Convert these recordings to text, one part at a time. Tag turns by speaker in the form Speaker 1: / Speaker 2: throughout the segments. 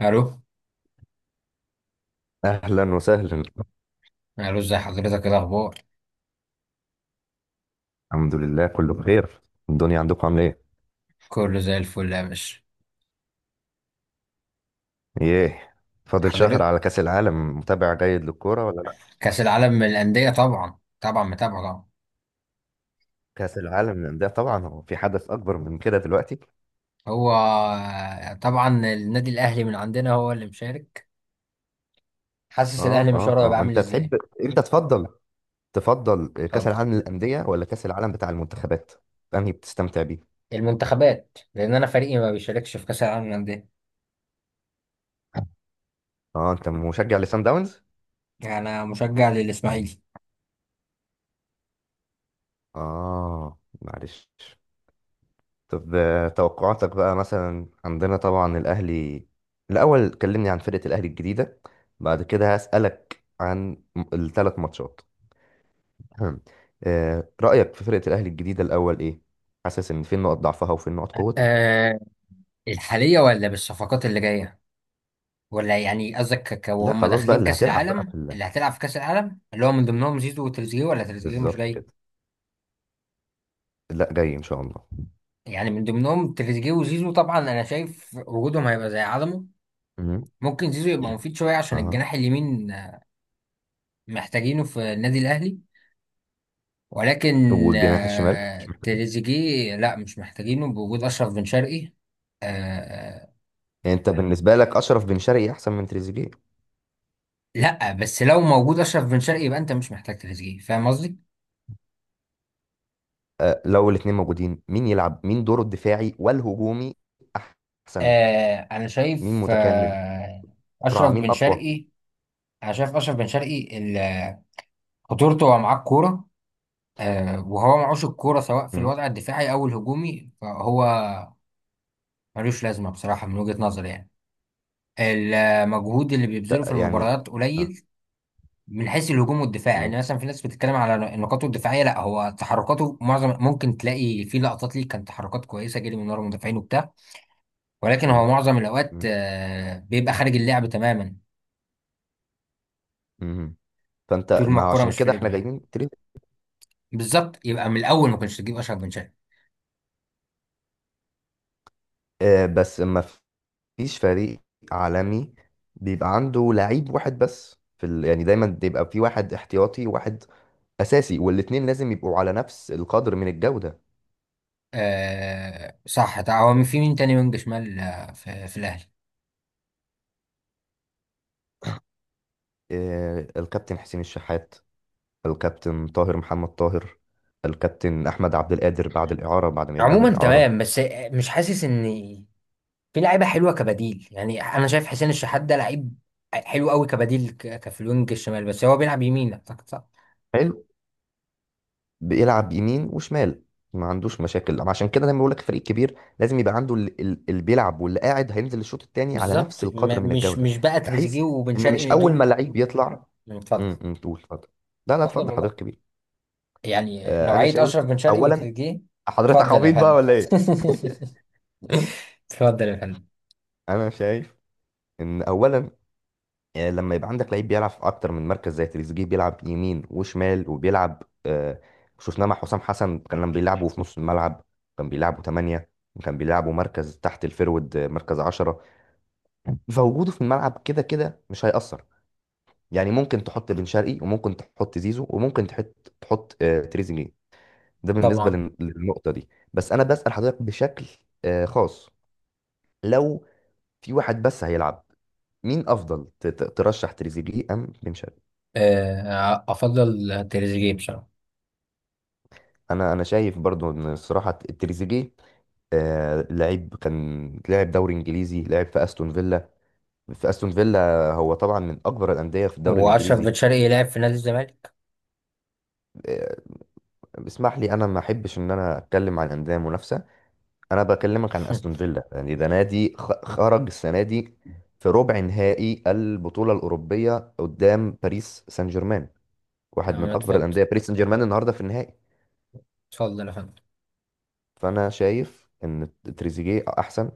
Speaker 1: الو،
Speaker 2: اهلا وسهلا.
Speaker 1: الو، ازي حضرتك؟ ايه الاخبار؟
Speaker 2: الحمد لله كله بخير. الدنيا عندكم عامله ايه؟
Speaker 1: كله زي الفل يا باشا.
Speaker 2: ايه، فاضل شهر
Speaker 1: حضرتك؟
Speaker 2: على كاس العالم، متابع جيد للكوره ولا لا؟
Speaker 1: كاس العالم من الانديه؟ طبعا، طبعا متابعه طبعا.
Speaker 2: كاس العالم للانديه طبعا، هو في حدث اكبر من كده دلوقتي؟
Speaker 1: هو طبعا النادي الاهلي من عندنا هو اللي مشارك. حاسس
Speaker 2: اه
Speaker 1: الاهلي
Speaker 2: اه
Speaker 1: مشواره هيبقى
Speaker 2: اه
Speaker 1: عامل
Speaker 2: انت
Speaker 1: ازاي.
Speaker 2: تحب انت تفضل تفضل كاس
Speaker 1: اتفضل.
Speaker 2: العالم للانديه ولا كاس العالم بتاع المنتخبات؟ انهي بتستمتع بيه؟
Speaker 1: المنتخبات، لان انا فريقي ما بيشاركش في كاس العالم للانديه.
Speaker 2: اه، انت مشجع لسان داونز؟
Speaker 1: يعني انا مشجع للاسماعيلي.
Speaker 2: اه معلش. طب توقعاتك بقى؟ مثلا عندنا طبعا الأهلي، الأول كلمني عن فرقة الأهلي الجديدة، بعد كده هسألك عن الثلاث ماتشات. رأيك في فرقة الأهلي الجديدة الأول إيه؟ حاسس إن فين نقط ضعفها وفين نقط قوتها؟
Speaker 1: أه الحاليه ولا بالصفقات اللي جايه؟ ولا يعني قصدك
Speaker 2: لا
Speaker 1: وهم
Speaker 2: خلاص بقى،
Speaker 1: داخلين
Speaker 2: اللي
Speaker 1: كاس
Speaker 2: هتلعب بقى
Speaker 1: العالم، اللي هتلعب في كاس العالم، اللي هو من ضمنهم زيزو وتريزيجيه، ولا تريزيجيه مش
Speaker 2: بالظبط
Speaker 1: جاي؟
Speaker 2: كده. لا جاي إن شاء الله.
Speaker 1: يعني من ضمنهم تريزيجيه وزيزو. طبعا انا شايف وجودهم هيبقى زي عدمه.
Speaker 2: مم.
Speaker 1: ممكن زيزو يبقى مفيد شويه عشان
Speaker 2: أها.
Speaker 1: الجناح اليمين، محتاجينه في النادي الاهلي. ولكن
Speaker 2: والجناح الشمال مش
Speaker 1: آه،
Speaker 2: محتاج؟
Speaker 1: تريزيجيه لا مش محتاجينه بوجود اشرف بن شرقي. آه،
Speaker 2: يعني أنت بالنسبة لك أشرف بن شرقي أحسن من تريزيجيه؟
Speaker 1: لا بس لو موجود اشرف بن شرقي يبقى انت مش محتاج تريزيجيه، فاهم قصدي.
Speaker 2: أه، لو الاتنين موجودين مين يلعب؟ مين دوره الدفاعي والهجومي أحسن؟
Speaker 1: انا
Speaker 2: مين
Speaker 1: شايف
Speaker 2: متكامل؟
Speaker 1: آه،
Speaker 2: أسرع؟
Speaker 1: اشرف
Speaker 2: مين
Speaker 1: بن
Speaker 2: أقوى؟
Speaker 1: شرقي. انا شايف اشرف بن شرقي خطورته هو معاه الكوره. وهو معوش الكورة سواء في
Speaker 2: مم.
Speaker 1: الوضع الدفاعي أو الهجومي، فهو ملوش لازمة بصراحة من وجهة نظري يعني. المجهود اللي بيبذله
Speaker 2: ت-
Speaker 1: في
Speaker 2: يعني
Speaker 1: المباريات
Speaker 2: آه.
Speaker 1: قليل، من حيث الهجوم والدفاع.
Speaker 2: مم.
Speaker 1: يعني مثلا في ناس بتتكلم على نقاطه الدفاعية، لا هو تحركاته معظم ممكن تلاقي في لقطات ليه كانت تحركات كويسة، جري من ورا المدافعين وبتاع، ولكن هو
Speaker 2: آه.
Speaker 1: معظم الأوقات
Speaker 2: مم.
Speaker 1: آه، بيبقى خارج اللعب تماما.
Speaker 2: مم. فأنت،
Speaker 1: طول ما
Speaker 2: ما هو
Speaker 1: الكورة
Speaker 2: عشان
Speaker 1: مش في
Speaker 2: كده إحنا
Speaker 1: رجله يعني.
Speaker 2: جايبين تريد.
Speaker 1: بالظبط، يبقى من الأول ما كنتش تجيب أشرف بن شرقي.
Speaker 2: آه بس ما فيش فريق عالمي بيبقى عنده لعيب واحد بس في ال... يعني دايما بيبقى في واحد احتياطي واحد أساسي، والاتنين لازم يبقوا على نفس القدر من الجودة.
Speaker 1: آه صح، ده هو في مين تاني وينج شمال، في الأهلي؟
Speaker 2: آه الكابتن حسين الشحات، الكابتن طاهر محمد طاهر، الكابتن أحمد عبد القادر بعد الإعارة، بعد ما يرجع من
Speaker 1: عموما
Speaker 2: الإعارة.
Speaker 1: تمام، بس مش حاسس ان في لعيبه حلوه كبديل. يعني انا شايف حسين الشحات ده لعيب حلو قوي كبديل كفي الوينج الشمال، بس هو بيلعب يمين اعتقد صح.
Speaker 2: حلو. بيلعب يمين وشمال، ما عندوش مشاكل. عشان كده دايما بقول لك فريق كبير لازم يبقى عنده اللي بيلعب واللي قاعد هينزل الشوط الثاني على نفس
Speaker 1: بالظبط،
Speaker 2: القدر من
Speaker 1: م- مش
Speaker 2: الجوده،
Speaker 1: مش بقى
Speaker 2: بحيث
Speaker 1: تريزيجيه وبن
Speaker 2: ان مش
Speaker 1: شرقي
Speaker 2: اول ما
Speaker 1: دول.
Speaker 2: لعيب يطلع.
Speaker 1: اتفضل.
Speaker 2: تقول اتفضل؟ لا لا
Speaker 1: اتفضل
Speaker 2: اتفضل
Speaker 1: والله،
Speaker 2: حضرتك كبير.
Speaker 1: يعني
Speaker 2: آه انا
Speaker 1: نوعيه
Speaker 2: شايف
Speaker 1: اشرف بن شرقي
Speaker 2: اولا،
Speaker 1: وتريزيجيه.
Speaker 2: حضرتك
Speaker 1: اتفضل يا
Speaker 2: عبيط بقى
Speaker 1: فندم.
Speaker 2: ولا ايه؟
Speaker 1: اتفضل يا فندم.
Speaker 2: انا شايف ان اولا لما يبقى عندك لعيب بيلعب في اكتر من مركز، زي تريزيجيه، بيلعب يمين وشمال وبيلعب شفناه مع حسام حسن، كان لما بيلعبه في نص الملعب كان بيلعبه 8، كان بيلعبه مركز تحت الفيرود، مركز 10. فوجوده في الملعب كده كده مش هيأثر، يعني ممكن تحط بن شرقي وممكن تحط زيزو وممكن تحط تريزيجيه. ده بالنسبة
Speaker 1: طبعا
Speaker 2: للنقطة دي. بس أنا بسأل حضرتك بشكل خاص، لو في واحد بس هيلعب، مين أفضل؟ ترشح تريزيجيه أم بن شرقي؟
Speaker 1: آه، افضل تريزيجيه بصراحه.
Speaker 2: انا شايف برضو ان الصراحه تريزيجيه. آه، لعيب كان لاعب دوري انجليزي، لعب في استون فيلا، في استون فيلا، هو طبعا من اكبر الانديه في الدوري
Speaker 1: واشرف بن
Speaker 2: الانجليزي.
Speaker 1: شرقي لعب في نادي الزمالك.
Speaker 2: آه اسمح لي، انا ما احبش ان انا اتكلم عن انديه منافسه، انا بكلمك عن استون فيلا. يعني ده نادي خرج السنه دي في ربع نهائي البطوله الاوروبيه قدام باريس سان جيرمان، واحد من
Speaker 1: تمام،
Speaker 2: اكبر
Speaker 1: اتفضل.
Speaker 2: الانديه، باريس سان جيرمان النهارده في النهائي.
Speaker 1: اتفضل يا فندم.
Speaker 2: فانا شايف ان تريزيجيه احسن،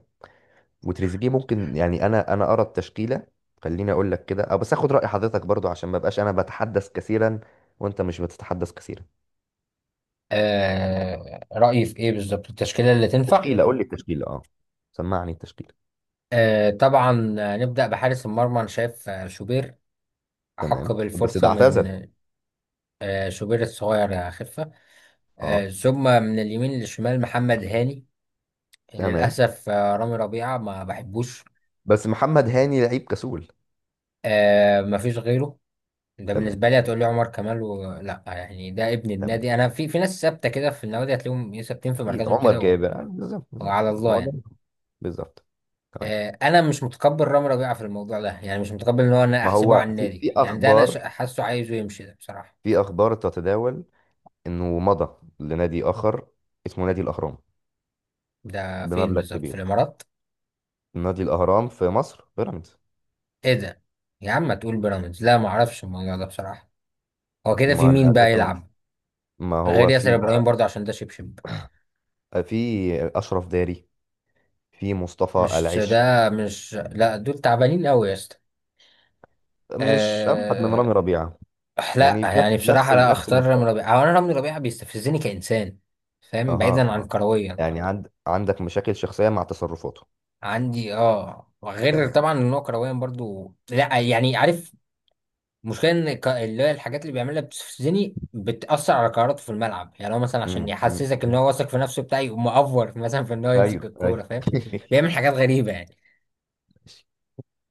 Speaker 2: وتريزيجيه ممكن، يعني انا ارى التشكيله. خليني اقول لك كده، أه بس اخد راي حضرتك برضو عشان ما بقاش انا بتحدث كثيرا وانت مش بتتحدث كثيرا.
Speaker 1: رأيي في ايه بالظبط، التشكيلة اللي تنفع؟
Speaker 2: تشكيله، قول تمام، لي التشكيله، اه سمعني التشكيله.
Speaker 1: طبعا، نبدأ بحارس المرمى. انا شايف شوبير أحق
Speaker 2: تمام بس ده
Speaker 1: بالفرصة
Speaker 2: اعتزل.
Speaker 1: من... شوبير الصغير، يا خفة.
Speaker 2: اه.
Speaker 1: ثم من اليمين للشمال، محمد هاني.
Speaker 2: تمام
Speaker 1: للأسف رامي ربيعة ما بحبوش.
Speaker 2: بس محمد هاني لعيب كسول.
Speaker 1: ما فيش غيره. ده
Speaker 2: تمام.
Speaker 1: بالنسبة لي، هتقول لي عمر كمال لا يعني ده ابن
Speaker 2: تمام
Speaker 1: النادي. انا في ناس ثابتة كده في النوادي، هتلاقيهم ثابتين في
Speaker 2: اكيد،
Speaker 1: مركزهم
Speaker 2: عمر
Speaker 1: كده
Speaker 2: جابر، بالظبط بالظبط
Speaker 1: وعلى
Speaker 2: بالظبط
Speaker 1: الله
Speaker 2: هو ده،
Speaker 1: يعني.
Speaker 2: بالظبط. تمام.
Speaker 1: انا مش متقبل رامي ربيعه في الموضوع ده يعني، مش متقبل ان هو. انا
Speaker 2: ما
Speaker 1: احسبه
Speaker 2: هو
Speaker 1: على
Speaker 2: تمام، في
Speaker 1: النادي
Speaker 2: في
Speaker 1: يعني، ده انا
Speaker 2: اخبار
Speaker 1: حاسه عايزه يمشي ده بصراحه.
Speaker 2: في اخبار تتداول انه مضى لنادي اخر اسمه نادي الاهرام،
Speaker 1: ده فين
Speaker 2: بمبلغ
Speaker 1: بالظبط، في
Speaker 2: كبير.
Speaker 1: الامارات؟
Speaker 2: نادي الأهرام في مصر، بيراميدز.
Speaker 1: ايه ده؟ يا عم ما تقول بيراميدز، لا ما اعرفش الموضوع ده بصراحه. هو كده في
Speaker 2: ما
Speaker 1: مين
Speaker 2: أنا
Speaker 1: بقى
Speaker 2: لازم،
Speaker 1: يلعب
Speaker 2: ما
Speaker 1: غير
Speaker 2: هو
Speaker 1: ياسر
Speaker 2: في
Speaker 1: ابراهيم
Speaker 2: بقى،
Speaker 1: برضه، عشان ده شبشب؟
Speaker 2: في أشرف داري، في مصطفى
Speaker 1: مش
Speaker 2: العش،
Speaker 1: ده مش لا دول تعبانين قوي يا اسطى.
Speaker 2: مش أبعد من
Speaker 1: أه...
Speaker 2: رامي ربيعة؟
Speaker 1: لا
Speaker 2: يعني في
Speaker 1: يعني بصراحه، لا
Speaker 2: نفس
Speaker 1: اختار رامي
Speaker 2: المستوى.
Speaker 1: ربيعه. هو انا رامي ربيعه بيستفزني كانسان، فاهم،
Speaker 2: أها
Speaker 1: بعيدا عن
Speaker 2: أها.
Speaker 1: كرويا.
Speaker 2: يعني عند، عندك مشاكل شخصية مع تصرفاته.
Speaker 1: عندي وغير
Speaker 2: تمام.
Speaker 1: طبعا ان هو كرويا برضو، لا يعني عارف. المشكله ان اللي هي الحاجات اللي بيعملها بتستفزني، بتاثر على قراراته في الملعب. يعني هو مثلا عشان
Speaker 2: مم، مم،
Speaker 1: يحسسك ان
Speaker 2: مم.
Speaker 1: هو واثق في نفسه بتاعي، يقوم مأفور مثلا في ان هو يمسك
Speaker 2: أيوه أيوه
Speaker 1: الكوره، فاهم. بيعمل حاجات غريبه يعني.
Speaker 2: ماشي.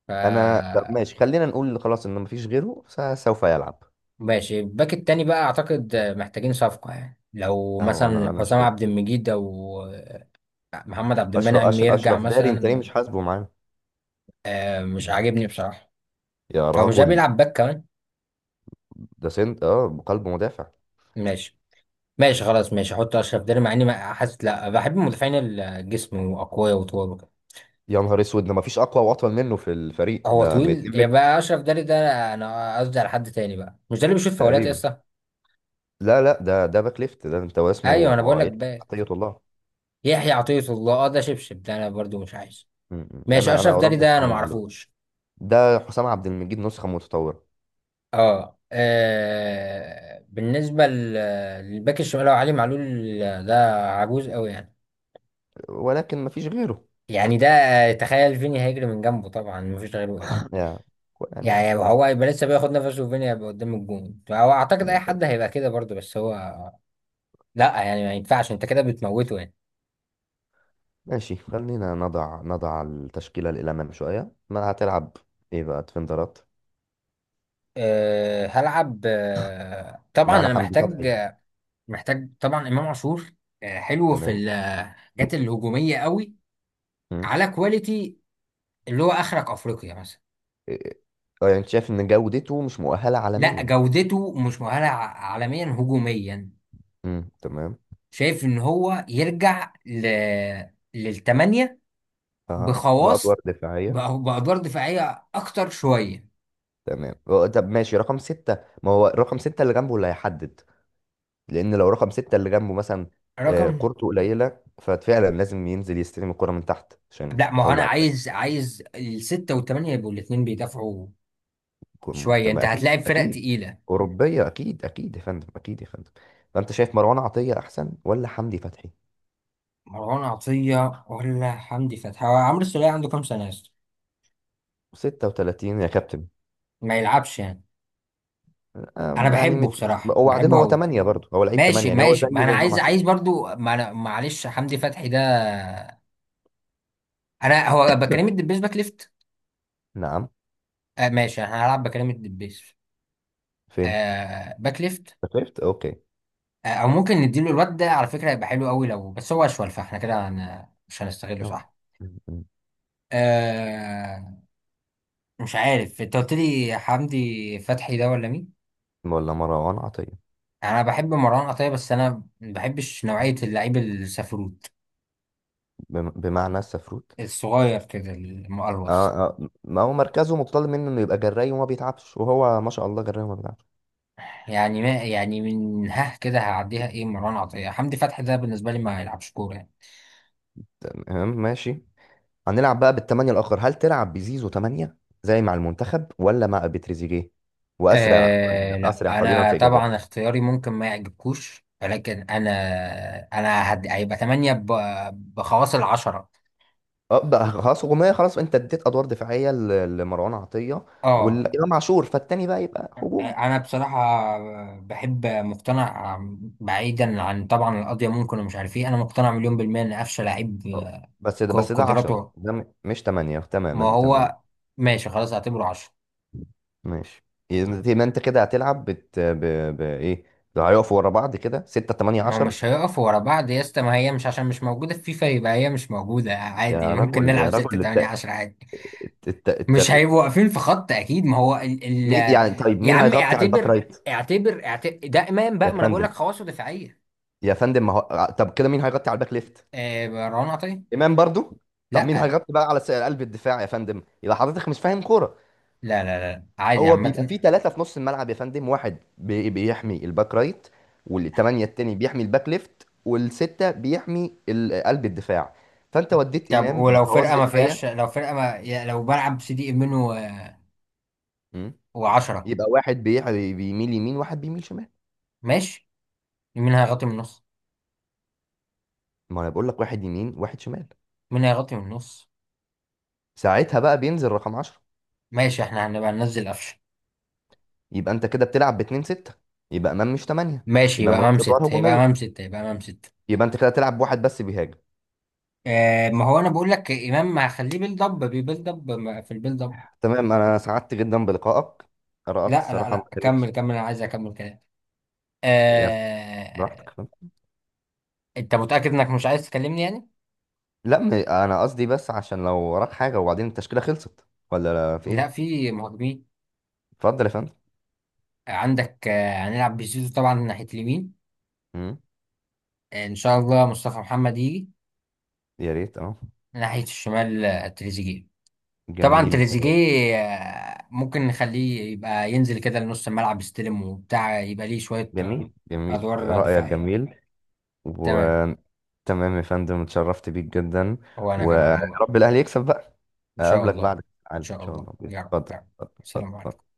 Speaker 1: ف
Speaker 2: أنا، طب ماشي، خلينا نقول خلاص إن مفيش غيره سوف يلعب.
Speaker 1: ماشي، الباك التاني بقى اعتقد محتاجين صفقه، يعني لو
Speaker 2: أهو أنا
Speaker 1: مثلا
Speaker 2: أنا
Speaker 1: حسام
Speaker 2: شايف،
Speaker 1: عبد المجيد او محمد عبد المنعم
Speaker 2: أشرف
Speaker 1: يرجع
Speaker 2: أشرف داري، أنت ليه
Speaker 1: مثلا.
Speaker 2: مش حاسبه معانا؟
Speaker 1: مش عاجبني بصراحه.
Speaker 2: يا
Speaker 1: هو مش ده
Speaker 2: رجل،
Speaker 1: بيلعب باك كمان؟
Speaker 2: ده سنت، اه، قلب مدافع.
Speaker 1: ماشي ماشي خلاص، ماشي احط اشرف داري، مع اني حاسس، لا بحب المدافعين الجسم واقوياء وطوال وكده.
Speaker 2: يا نهار اسود، ده مفيش اقوى واطول منه في الفريق
Speaker 1: هو
Speaker 2: ده، من
Speaker 1: طويل
Speaker 2: 2 متر
Speaker 1: يبقى اشرف داري ده؟ انا قصدي على حد تاني بقى، مش ده اللي بيشوط فاولات يا
Speaker 2: تقريبا.
Speaker 1: اسطى؟
Speaker 2: لا، ده باك ليفت، ده انت
Speaker 1: ايوه
Speaker 2: واسمه
Speaker 1: انا بقول لك
Speaker 2: يحيى
Speaker 1: بات
Speaker 2: عطية الله.
Speaker 1: يحيى عطية الله. اه ده شبشب ده، انا برضو مش عايز.
Speaker 2: م- م.
Speaker 1: ماشي،
Speaker 2: انا
Speaker 1: اشرف
Speaker 2: انا
Speaker 1: داري
Speaker 2: ارجح
Speaker 1: ده انا
Speaker 2: علي
Speaker 1: ما
Speaker 2: معلول.
Speaker 1: اعرفوش.
Speaker 2: ده حسام عبد المجيد نسخة متطورة.
Speaker 1: بالنسبه للباك الشمال، هو علي معلول. ده عجوز قوي يعني.
Speaker 2: ولكن مفيش غيره.
Speaker 1: يعني ده، تخيل فيني هيجري من جنبه، طبعا مفيش غيره ايه.
Speaker 2: يا-، يعني.
Speaker 1: يعني هو هيبقى لسه بياخد نفسه وفيني هيبقى قدام الجون. هو اعتقد اي
Speaker 2: تمام، تمام.
Speaker 1: حد هيبقى كده برضه، بس هو لا يعني، ما ينفعش انت كده بتموته يعني.
Speaker 2: ماشي، خلينا نضع التشكيلة الأمام شوية، ما هتلعب ايه بقى ديفندرات؟
Speaker 1: هلعب، طبعا
Speaker 2: معانا
Speaker 1: انا
Speaker 2: حمدي
Speaker 1: محتاج،
Speaker 2: فتحي.
Speaker 1: طبعا امام عاشور. حلو في
Speaker 2: تمام.
Speaker 1: الحاجات الهجوميه قوي،
Speaker 2: م.
Speaker 1: على كواليتي، اللي هو اخرك افريقيا مثلا.
Speaker 2: إيه-، اه يعني انت شايف ان جودته مش مؤهلة
Speaker 1: لا
Speaker 2: عالميا؟
Speaker 1: جودته مش مؤهله عالميا هجوميا.
Speaker 2: م. تمام.
Speaker 1: شايف ان هو يرجع للتمانية،
Speaker 2: اه، بأدوار
Speaker 1: بخواص،
Speaker 2: دفاعية.
Speaker 1: بأدوار دفاعية أكتر شوية.
Speaker 2: تمام. هو-، طب ماشي رقم ستة، ما هو رقم ستة اللي جنبه اللي هيحدد، لأن لو رقم ستة اللي جنبه مثلا
Speaker 1: رقم
Speaker 2: كورته قليلة، ففعلا لازم ينزل يستلم الكرة من تحت عشان
Speaker 1: لا ما هو انا
Speaker 2: يطلع الفريق.
Speaker 1: عايز، الستة والثمانية يبقوا الاثنين بيدافعوا
Speaker 2: يكون-،
Speaker 1: شوية،
Speaker 2: تمام
Speaker 1: انت
Speaker 2: أكيد
Speaker 1: هتلاقي فرق
Speaker 2: أكيد
Speaker 1: تقيلة.
Speaker 2: أوروبية أكيد أكيد يا فندم أكيد يا فندم. فأنت شايف مروان عطية أحسن ولا حمدي فتحي؟
Speaker 1: مروان عطية ولا حمدي فتحي؟ هو عمرو السولية عنده كام سنة يا اسطى؟
Speaker 2: 36 يا كابتن.
Speaker 1: ما يلعبش يعني. انا
Speaker 2: يعني
Speaker 1: بحبه بصراحة،
Speaker 2: وبعدين
Speaker 1: بحبه
Speaker 2: هو
Speaker 1: قوي.
Speaker 2: 8 برضه، هو لعيب 8،
Speaker 1: ماشي
Speaker 2: يعني هو
Speaker 1: ماشي،
Speaker 2: زيه
Speaker 1: ما انا
Speaker 2: زي إمام
Speaker 1: عايز،
Speaker 2: عاشور.
Speaker 1: برضو، ما انا معلش، حمدي فتحي ده انا هو بكلم الدبيس باك ليفت.
Speaker 2: نعم.
Speaker 1: ماشي انا هلعب بكلم الدبيس.
Speaker 2: فين؟
Speaker 1: باك ليفت.
Speaker 2: شفت، أوكي.
Speaker 1: او ممكن نديله الواد ده، على فكرة هيبقى حلو قوي لو بس هو اشول، فاحنا كده مش هنستغله
Speaker 2: نعم.
Speaker 1: صح.
Speaker 2: م-
Speaker 1: آه مش عارف، انت قلت لي حمدي فتحي ده ولا مين؟
Speaker 2: م. ولا مروان عطية؟
Speaker 1: انا بحب مروان عطية، بس انا ما بحبش نوعية اللعيب السفروت،
Speaker 2: بمعنى السفروت؟
Speaker 1: الصغير كده
Speaker 2: اه
Speaker 1: المقلوص.
Speaker 2: اه ما هو مركزه متطلب منه انه يبقى جراي وما بيتعبش، وهو ما شاء الله جراي وما بيتعبش.
Speaker 1: يعني، ما يعني من ها كده هعديها. ايه مروان عطية حمدي فتحي ده، بالنسبة لي ما يلعبش كورة يعني.
Speaker 2: تمام ماشي. هنلعب بقى بالتمانية الاخر، هل تلعب بزيزو تمانية زي مع المنتخب ولا مع بتريزيجيه؟ واسرع قليلا،
Speaker 1: لا
Speaker 2: اسرع قليلا
Speaker 1: انا
Speaker 2: في
Speaker 1: طبعا
Speaker 2: اجابات.
Speaker 1: اختياري ممكن ما يعجبكوش، ولكن انا هيبقى 8 بخواص العشرة.
Speaker 2: اه بقى خلاص هجوميه، خلاص، انت اديت ادوار دفاعيه لمروان عطيه
Speaker 1: اه
Speaker 2: والامام عاشور، فالتاني بقى يبقى هجومي.
Speaker 1: انا بصراحه بحب، مقتنع، بعيدا عن طبعا القضيه ممكن ومش عارف ايه، انا مقتنع مليون بالميه ان قفشه لعيب.
Speaker 2: اه، بس ده بس ده 10،
Speaker 1: قدراته،
Speaker 2: ده مش 8.
Speaker 1: ما
Speaker 2: تماما تماما
Speaker 1: هو، ماشي خلاص اعتبره عشرة.
Speaker 2: ماشي. يبقى ما انت كده هتلعب ايه، لو هيقفوا ورا بعض كده 6 8
Speaker 1: ما هو
Speaker 2: 10؟
Speaker 1: مش هيقف ورا بعض يا اسطى، ما هي مش عشان مش موجوده في فيفا يبقى هي مش موجوده،
Speaker 2: يا
Speaker 1: عادي ممكن
Speaker 2: رجل يا
Speaker 1: نلعب 6
Speaker 2: رجل
Speaker 1: 8
Speaker 2: الت...
Speaker 1: 10 عادي.
Speaker 2: الت... الت...
Speaker 1: مش
Speaker 2: الت...
Speaker 1: هيبقوا واقفين في خط اكيد. ما هو ال
Speaker 2: مين
Speaker 1: ال
Speaker 2: يعني؟ طيب
Speaker 1: يا
Speaker 2: مين
Speaker 1: عم
Speaker 2: هيغطي على الباك
Speaker 1: اعتبر،
Speaker 2: رايت؟
Speaker 1: اعتبر اعتبر ده امام
Speaker 2: يا
Speaker 1: بقى، ما انا بقول لك
Speaker 2: فندم،
Speaker 1: خواصه دفاعيه.
Speaker 2: يا فندم، ما هو طب كده مين هيغطي على الباك ليفت؟
Speaker 1: مروان عطيه.
Speaker 2: امام برضو؟ طب مين
Speaker 1: لا،
Speaker 2: هيغطي بقى على قلب الدفاع؟ يا فندم، يبقى حضرتك مش فاهم كوره.
Speaker 1: لا لا لا عادي
Speaker 2: هو بيبقى
Speaker 1: عامة.
Speaker 2: فيه ثلاثة في نص الملعب يا فندم، واحد بيحمي الباك رايت، والثمانية التاني بيحمي الباك ليفت، والستة بيحمي ال-، قلب الدفاع. فأنت وديت
Speaker 1: طب
Speaker 2: إمام
Speaker 1: ولو
Speaker 2: بخواص
Speaker 1: فرقة ما فيهاش،
Speaker 2: دفاعية.
Speaker 1: لو فرقة ما لو بلعب سي دي منه
Speaker 2: مم.
Speaker 1: وعشرة.
Speaker 2: يبقى واحد بيميل يمين واحد بيميل شمال.
Speaker 1: ماشي. مين هيغطي من النص؟
Speaker 2: ما أنا بقول لك واحد يمين واحد شمال،
Speaker 1: مين هيغطي من النص؟
Speaker 2: ساعتها بقى بينزل رقم 10.
Speaker 1: ماشي احنا هنبقى ننزل قفشة.
Speaker 2: يبقى أنت كده بتلعب باتنين ستة، يبقى إمام مش تمانية،
Speaker 1: ماشي
Speaker 2: يبقى
Speaker 1: يبقى امام
Speaker 2: ملوش أدوار
Speaker 1: ستة، يبقى امام
Speaker 2: هجومية،
Speaker 1: ستة، يبقى امام ستة.
Speaker 2: يبقى أنت كده تلعب بواحد بس بيهاجم.
Speaker 1: ما هو انا بقول لك امام ما هخليه بيلد اب، بيبيلد اب في البيلد اب.
Speaker 2: تمام، أنا سعدت جدا بلقائك، آرائك
Speaker 1: لا لا
Speaker 2: الصراحة ما
Speaker 1: لا، كمل
Speaker 2: كانتش.
Speaker 1: كمل، انا عايز اكمل كلام.
Speaker 2: يا ف- براحتك.
Speaker 1: آه انت متأكد انك مش عايز تكلمني يعني؟
Speaker 2: لا انا قصدي بس عشان لو وراك حاجه، وبعدين التشكيله خلصت ولا لا، في
Speaker 1: لا
Speaker 2: ايه؟
Speaker 1: في مهاجمين
Speaker 2: اتفضل يا فندم.
Speaker 1: عندك. هنلعب بزيزو طبعا ناحية اليمين.
Speaker 2: مم.
Speaker 1: ان شاء الله مصطفى محمد يجي.
Speaker 2: يا ريت، اه.
Speaker 1: ناحية الشمال، تريزيجيه. طبعا
Speaker 2: جميل.
Speaker 1: تريزيجيه، ممكن نخليه يبقى ينزل كده لنص الملعب، يستلم وبتاع، يبقى ليه شوية،
Speaker 2: جميل
Speaker 1: أدوار
Speaker 2: رايك
Speaker 1: دفاعية.
Speaker 2: جميل.
Speaker 1: تمام.
Speaker 2: وتمام يا فندم اتشرفت بيك جدا،
Speaker 1: هو أنا كمان
Speaker 2: ويا
Speaker 1: والله.
Speaker 2: رب الاهلي يكسب بقى.
Speaker 1: إن شاء
Speaker 2: اقابلك
Speaker 1: الله.
Speaker 2: بعد
Speaker 1: إن
Speaker 2: العالم ان
Speaker 1: شاء
Speaker 2: شاء الله،
Speaker 1: الله يا رب
Speaker 2: اتفضل،
Speaker 1: يا رب.
Speaker 2: اتفضل،
Speaker 1: سلام عليكم.
Speaker 2: اتفضل.